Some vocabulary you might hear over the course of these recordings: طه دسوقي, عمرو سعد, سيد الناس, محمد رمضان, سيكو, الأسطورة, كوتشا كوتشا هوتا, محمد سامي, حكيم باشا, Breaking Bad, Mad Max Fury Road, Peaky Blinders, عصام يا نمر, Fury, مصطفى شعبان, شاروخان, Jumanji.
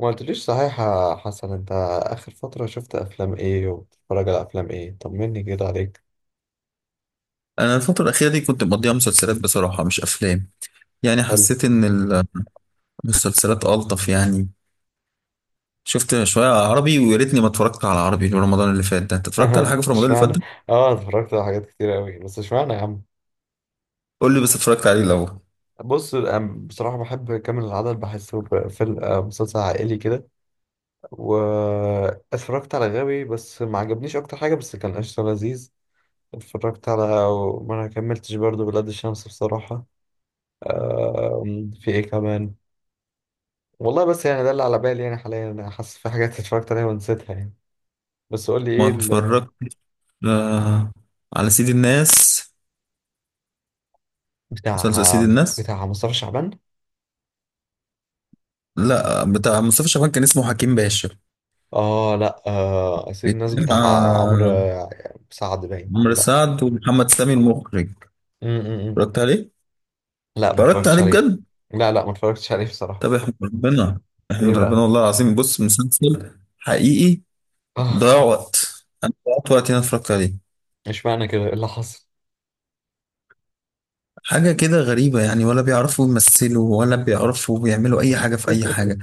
ما قلتليش صحيح يا حسن، انت اخر فترة شفت افلام ايه وبتتفرج على افلام ايه؟ طمني كده عليك. انا الفتره الاخيره دي كنت مقضيها مسلسلات، بصراحه مش افلام. يعني حلو. حسيت ان المسلسلات الطف يعني. شفت شويه عربي، ويا ريتني ما اتفرجت على عربي في رمضان اللي فات ده. انت اتفرجت على حاجه في رمضان اللي فات اشمعنى؟ ده؟ اه، اتفرجت على حاجات كتير قوي، بس اشمعنى يا عم؟ قول لي بس اتفرجت عليه الاول. بص، بصراحة بحب كامل العدد، بحسه فيلم، مسلسل عائلي كده. واتفرجت على غاوي، بس ما عجبنيش اكتر حاجة، بس كان قشطة لذيذ. اتفرجت على... ما انا كملتش برضه بلاد الشمس بصراحة. في ايه كمان؟ والله بس يعني ده اللي على بالي يعني، حاليا انا حاسس في حاجات اتفرجت عليها ونسيتها يعني. بس قول لي ما ايه ال... اتفرجت آه، على سيد الناس، مسلسل سيد بتاع الناس. بتاع مصطفى شعبان. لا، بتاع مصطفى شعبان كان اسمه حكيم باشا. اه، لا، سيد الناس بيتكلم بتاع... عمرو عن سعد، باين عمرو ولا؟ سعد ومحمد سامي المخرج. م- م- م. اتفرجت عليه؟ لا، ما اتفرجت اتفرجتش عليه عليه. بجد؟ لا، لا، ما اتفرجتش عليه بصراحة. طب احمد ربنا، ايه احمد ربنا بقى؟ والله العظيم. بص، مسلسل حقيقي ضيع وقت انا ضيعت وقتي، انا اتفرجت عليه. مش معنى كده، ايه اللي حصل؟ حاجة كده غريبة يعني، ولا بيعرفوا يمثلوا ولا بيعرفوا بيعملوا أي حاجة في أي حاجة.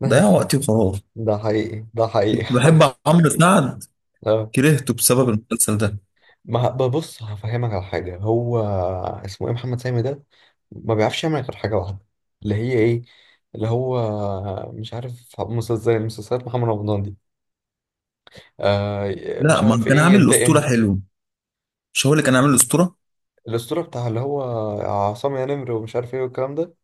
ده ضيع وقتي وخلاص. ده حقيقي، ده حقيقي. كنت بحب عمرو سعد، اه. كرهته بسبب المسلسل ده. ما ببص هفهمك على حاجة، هو اسمه ايه محمد سامي ده؟ ما بيعرفش يعمل غير حاجة واحدة، اللي هي ايه؟ اللي هو مش عارف، مسلسل زي مسلسلات محمد رمضان دي، مش لا، عارف ما كان ايه، عامل الأسطورة ينتقم... حلو؟ مش هو اللي كان عامل الأسطورة؟ الاسطوره، بتاع اللي هو عصام يا نمر ومش عارف ايه والكلام ده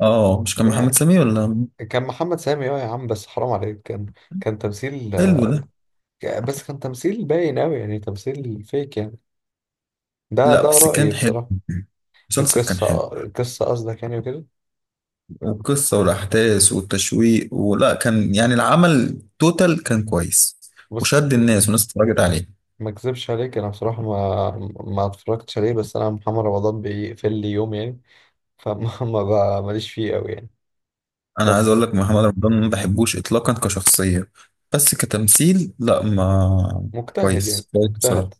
اه، مش كان محمد يعني، سامي ولا؟ كان محمد سامي. اه يا عم، بس حرام عليك، كان كان تمثيل. حلو ده. بس كان تمثيل باين اوي يعني، تمثيل فيك يعني. ده لا بس رأيي كان حلو، بصراحه. المسلسل كان حلو، القصه قصدك يعني وكده؟ والقصة والأحداث والتشويق، ولا كان يعني العمل توتال كان كويس بص، وشد الناس والناس اتفرجت عليه. ما اكذبش عليك، انا بصراحه ما، ما اتفرجتش عليه، بس انا محمد رمضان بيقفل لي يوم يعني، فما ما ب- ماليش فيه قوي يعني. أنا عايز أقول بس لك، محمد رمضان ما بحبوش إطلاقا كشخصية، بس كتمثيل لا ما، مجتهد كويس يعني كويس بصراحة. مجتهد.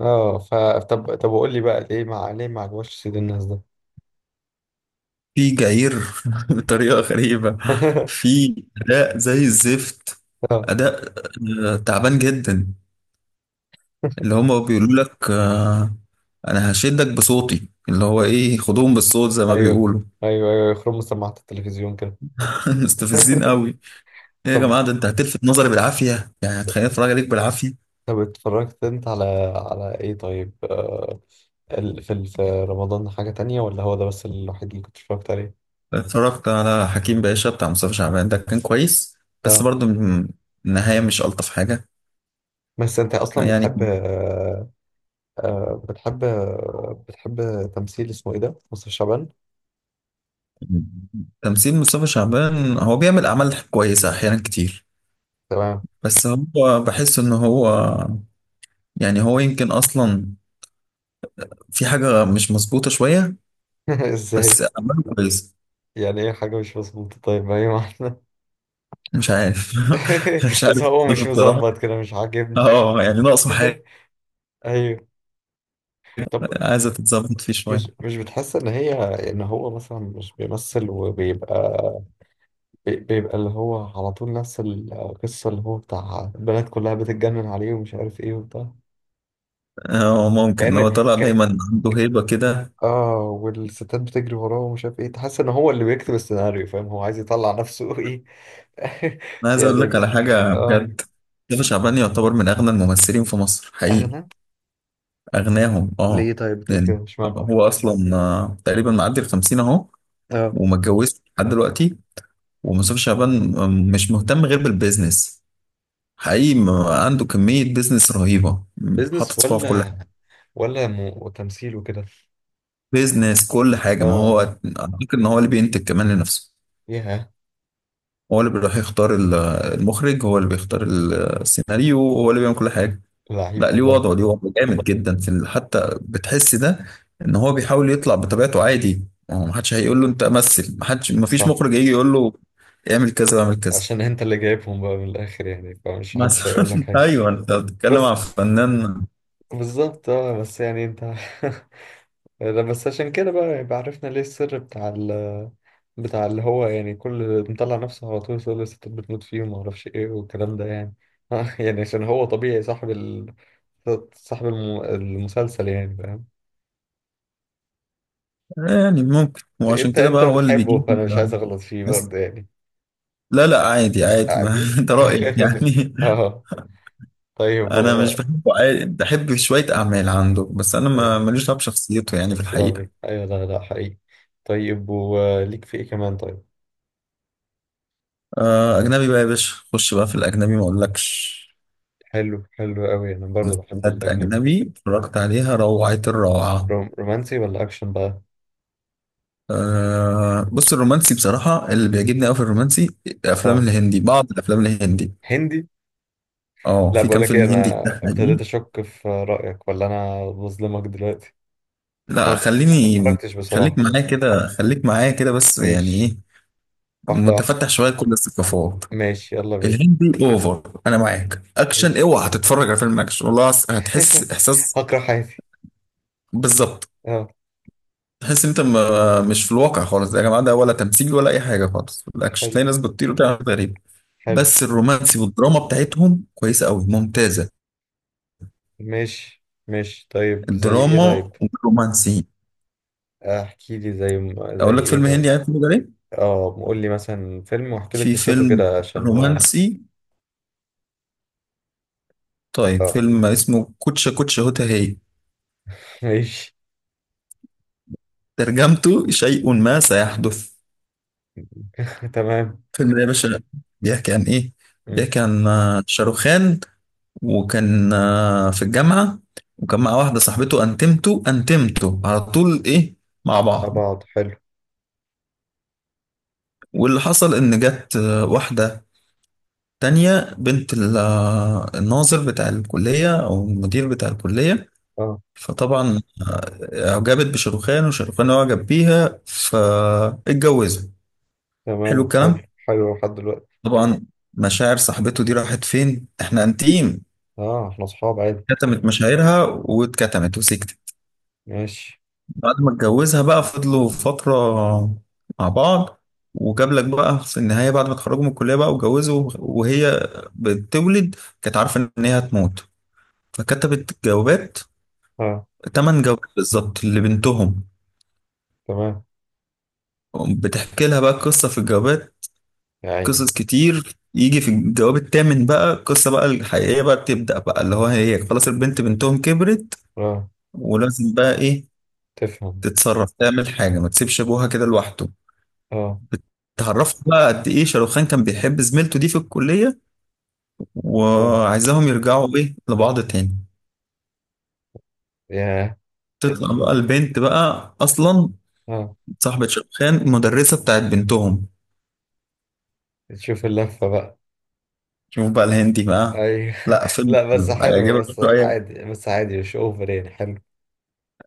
اه، ف... طب قول لي بقى، ليه؟ ليه ما عجبوش سيد الناس ده؟ في جعير بطريقة غريبة، في أداء زي الزفت. اه. أداء تعبان جدا. اللي هما بيقولوا لك أنا هشدك بصوتي، اللي هو إيه، خدوهم بالصوت زي ما ايوه، بيقولوا. ايوه، ايوه، يخرم سماعة التلفزيون كده. مستفزين قوي. ايه يا طب جماعة، ده انت هتلفت نظري بالعافية يعني، هتخليني اتفرج عليك بالعافية. طب اتفرجت انت على... على ايه طيب، في رمضان حاجة تانية، ولا هو ده بس الوحيد اللي كنت اتفرجت عليه؟ اتفرجت على حكيم باشا بتاع مصطفى شعبان، ده كان كويس. بس اه، برضه النهاية مش ألطف حاجة بس انت اصلا يعني. بتحب، بتحب تمثيل، اسمه ايه ده مصطفى شعبان؟ تمثيل مصطفى شعبان، هو بيعمل أعمال كويسة أحيانا كتير. تمام. بس هو بحس إن هو يعني، هو يمكن أصلا في حاجة مش مظبوطة شوية. ازاي؟ بس أعماله كويسة. يعني ايه حاجة مش مظبوطة؟ طيب، ايوه. مش عارف. مش بس عارف هو مش بصراحة. مظبط كده، مش عاجبني. اه، يعني ناقصه حاجة، ايوه. طب، عايزة تتظبط فيه شوية. مش بتحس ان هي، ان هو مثلا مش بيمثل وبيبقى، بيبقى اللي هو على طول نفس القصه، اللي هو بتاع البنات كلها بتتجنن عليه ومش عارف ايه وبتاع، اه، ممكن كأن هو طلع ك... دايما عنده هيبة كده. اه، والستات بتجري وراه ومش عارف ايه، تحس ان هو اللي بيكتب السيناريو، فاهم هو عايز يطلع نفسه ايه. انا عايز اقول يعني لك على حاجة اه. بجد، مصطفى شعبان يعتبر من اغنى الممثلين في مصر حقيقي، اغنى؟ اغناهم اه. ليه طيب بتقول كده؟ يعني مش معنى... هو اصلا تقريبا معدي ال 50 اهو، اه، وما اتجوزش لحد دلوقتي. ومصطفى شعبان مش مهتم غير بالبيزنس حقيقي. عنده كمية بيزنس رهيبة، بيزنس حاطط صباعه في كل ولا، حاجة. ولا وتمثيل وكده؟ بيزنس كل حاجة. ما اه. هو اعتقد ان هو اللي بينتج كمان لنفسه. ياه. هو اللي بيروح يختار المخرج، هو اللي بيختار السيناريو، هو اللي بيعمل كل حاجة. لعيب لا، ليه والله. وضعه، جامد جدا حتى بتحس ده، ان هو بيحاول يطلع بطبيعته عادي. هو محدش هيقول له انت مثل، محدش مفيش صح. مخرج هيجي يقول له اعمل كذا واعمل كذا عشان انت اللي جايبهم بقى من الاخر يعني، فمش حدش هيقول لك مثلا. حاجه. ايوه انت بتتكلم بس عن فنان بالظبط، اه، بس يعني انت. ده بس عشان كده بقى، يبقى عرفنا ليه السر بتاع ال، بتاع اللي هو يعني كل مطلع نفسه على طول يقول الستات بتموت فيه وما اعرفش ايه والكلام ده يعني. يعني عشان هو طبيعي صاحب ال... صاحب المسلسل يعني، فاهم؟ يعني، ممكن، وعشان انت كده انت بقى هو اللي بتحبه، بيجيب. فانا مش عايز اغلط فيه بس برضه يعني. لا لا، عادي عادي، ما عادي انت رأيك يعني. اه. طيب، انا و... مش بحبه عادي، بحب شويه اعمال عنده، بس انا طيب، ما ماليش دعوه بشخصيته يعني في مالكش دعوة بيه، الحقيقه. ايوه، لا، لا، حقيقي. طيب، وليك في ايه كمان طيب؟ آه، اجنبي بقى يا باشا، خش بقى في الاجنبي ما اقولكش. حلو، حلو قوي، انا برضه بحب حاجات الاجنبي. اجنبي اتفرجت عليها روعه الروعه. رومانسي ولا اكشن بقى؟ آه بص، الرومانسي بصراحه اللي بيعجبني قوي في الرومانسي الافلام اه. الهندي بعض الافلام الهندي. هندي؟ اه، لا، في بقول كام لك ايه، فيلم هندي انا كده ابتديت حقيقي. اشك في رايك، ولا انا بظلمك دلوقتي؟ اه، لا، أنا ما اتفرجتش بصراحه خليك بقى. معايا كده، خليك معايا كده، بس يعني ماشي، ايه، واحده واحده. متفتح شويه كل الثقافات. ماشي، يلا بينا. الهندي اوفر. انا معاك، اكشن ماشي اوعى هتتفرج على فيلم اكشن، والله هتحس احساس. هكره حياتي. بالظبط. اه. تحس انت مش في الواقع خالص، يا جماعه ده ولا تمثيل ولا اي حاجه خالص. في الاكشن حلو، تلاقي ناس بتطير وبتعمل حاجات غريبه. حلو. بس الرومانسي والدراما بتاعتهم كويسه قوي، ممتازه ماشي، ماشي، طيب، زي ايه الدراما طيب؟ والرومانسي. احكي لي زي، زي اقول لك ايه فيلم هندي، طيب؟ عارف اسمه ده ليه؟ اه، قول لي مثلا فيلم واحكي لي في قصته فيلم كده عشان... رومانسي، طيب اه. فيلم اسمه كوتشا كوتشا هوتا هي، ماشي. ترجمته شيء ما سيحدث. تمام. فيلم يا باشا، بيحكي عن ايه؟ مم. بيحكي عن شاروخان، وكان في الجامعة، وكان مع واحدة صاحبته، انتمتو على طول ايه مع مع بعض. بعض، حلو. واللي حصل ان جت واحدة تانية، بنت الناظر بتاع الكلية او المدير بتاع الكلية. اه، فطبعا اعجبت بشاروخان وشاروخان اعجب بيها فاتجوزوا. حلو تمام، الكلام. حلو، حلو لحد دلوقتي. طبعا مشاعر صاحبته دي راحت فين، احنا انتيم. اه، احنا اصحاب عادي. كتمت مشاعرها واتكتمت وسكتت. ماشي. بعد ما اتجوزها بقى فضلوا فترة مع بعض، وجاب لك بقى في النهاية بعد ما اتخرجوا من الكلية بقى واتجوزوا، وهي بتولد كانت عارفة إن هي هتموت، فكتبت جوابات، اه. 8 جوابات بالظبط لبنتهم، تمام. بتحكي لها بقى قصة في الجوابات، يا عيني. قصص كتير. يجي في الجواب التامن بقى القصة بقى الحقيقية بقى بتبدأ بقى، اللي هو هي خلاص البنت بنتهم كبرت اه، ولازم بقى إيه تفهم. تتصرف، تعمل حاجة، ما تسيبش أبوها كده لوحده. اه. اتعرفت بقى قد ايه شاروخان كان بيحب زميلته دي في الكلية، اه، وعايزاهم يرجعوا ايه لبعض تاني. ياه. تطلع بقى البنت بقى اصلا اه. صاحبة شاروخان، المدرسة بتاعت بنتهم. تشوف اللفة بقى. شوف بقى الهندي بقى. اي لا فيلم لا بس حلو، حلوة، بس هيعجبك شوية. عادي، بس عادي مش اوفر يعني، حلو.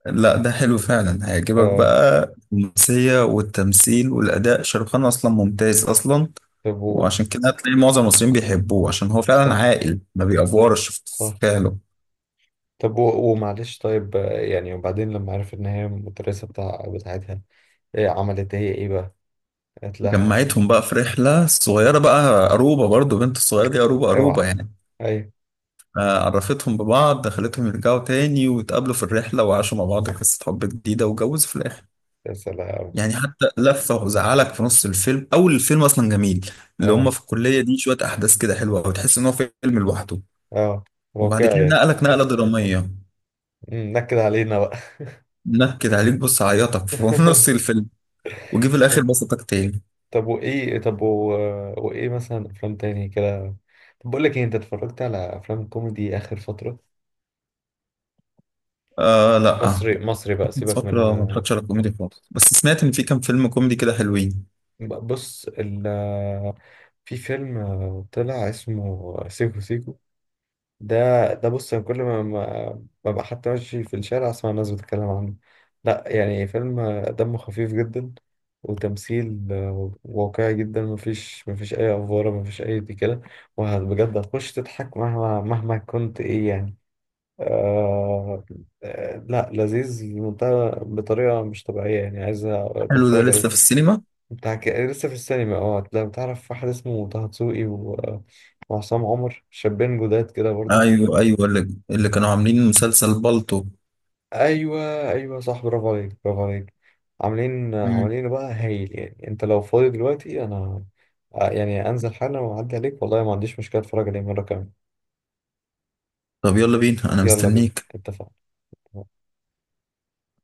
لا ده حلو فعلا، هيعجبك اه، بقى الرومانسية والتمثيل والأداء، شاروخان أصلا ممتاز أصلا. طب وعشان كده هتلاقي معظم المصريين بيحبوه، عشان هو فعلا صح، عاقل، ما بيأفورش في صح. فعله. طب ومعلش طيب، يعني وبعدين لما عرفت ان هي المدرسة بتاعتها، إيه عملت هي ايه بقى؟ قالت لها... جمعتهم بقى في رحلة صغيرة بقى، أروبة برضو بنت الصغيرة دي، أروبة أروبة اوعى. يعني. ايوه. عرفتهم ببعض، دخلتهم يرجعوا تاني، واتقابلوا في الرحلة وعاشوا مع بعض قصة حب جديدة واتجوزوا في الآخر. يا سلام. يعني حتى لفة، وزعلك في نص الفيلم. أول الفيلم أصلا جميل، اللي هم اه. في الكلية دي شوية أحداث كده حلوة، وتحس إن هو فيلم لوحده. اه، وبعد كده واقعي. نقلك نقلة درامية، نكد علينا بقى. نكد عليك، بص عيطك في نص الفيلم، وجي في الآخر بسطك تاني. طب وايه، طب و... وايه مثلا افلام تاني كده؟ طب بقول لك ايه، انت اتفرجت على افلام كوميدي اخر فترة؟ آه لا، مصري، مصري بقى، من سيبك من... فترة ما اتفرجتش على كوميدي خالص، بس سمعت إن في كام فيلم كوميدي كده حلوين. بص ال... في فيلم طلع اسمه سيكو سيكو، ده، ده بص، أنا كل ما ببقى حتى ماشي في الشارع أسمع الناس بتتكلم عنه. لا يعني فيلم دمه خفيف جدا، وتمثيل واقعي جدا، مفيش أي أفوارة، مفيش أي دي كده. وبجد هتخش تضحك مهما مهما كنت إيه يعني. آه. لا، لذيذ لمنتهى بطريقة مش طبيعية يعني، عايز حلو ده تتفرج عليه. لسه في السينما؟ انت لسه في السينما، اه. لو تعرف واحد اسمه طه دسوقي وعصام عمر، شابين جداد كده برضو. ايوه ايوه، اللي كانوا عاملين مسلسل بالطو. ايوه، ايوه، صح، برافو عليك، برافو عليك. عاملين مم. عاملين بقى هايل يعني، انت لو فاضي دلوقتي، انا يعني انزل حالا واعدي عليك، والله ما عنديش مشكله، اتفرج عليه مره كمان. طب يلا بينا انا يلا بينا، مستنيك. اتفقنا.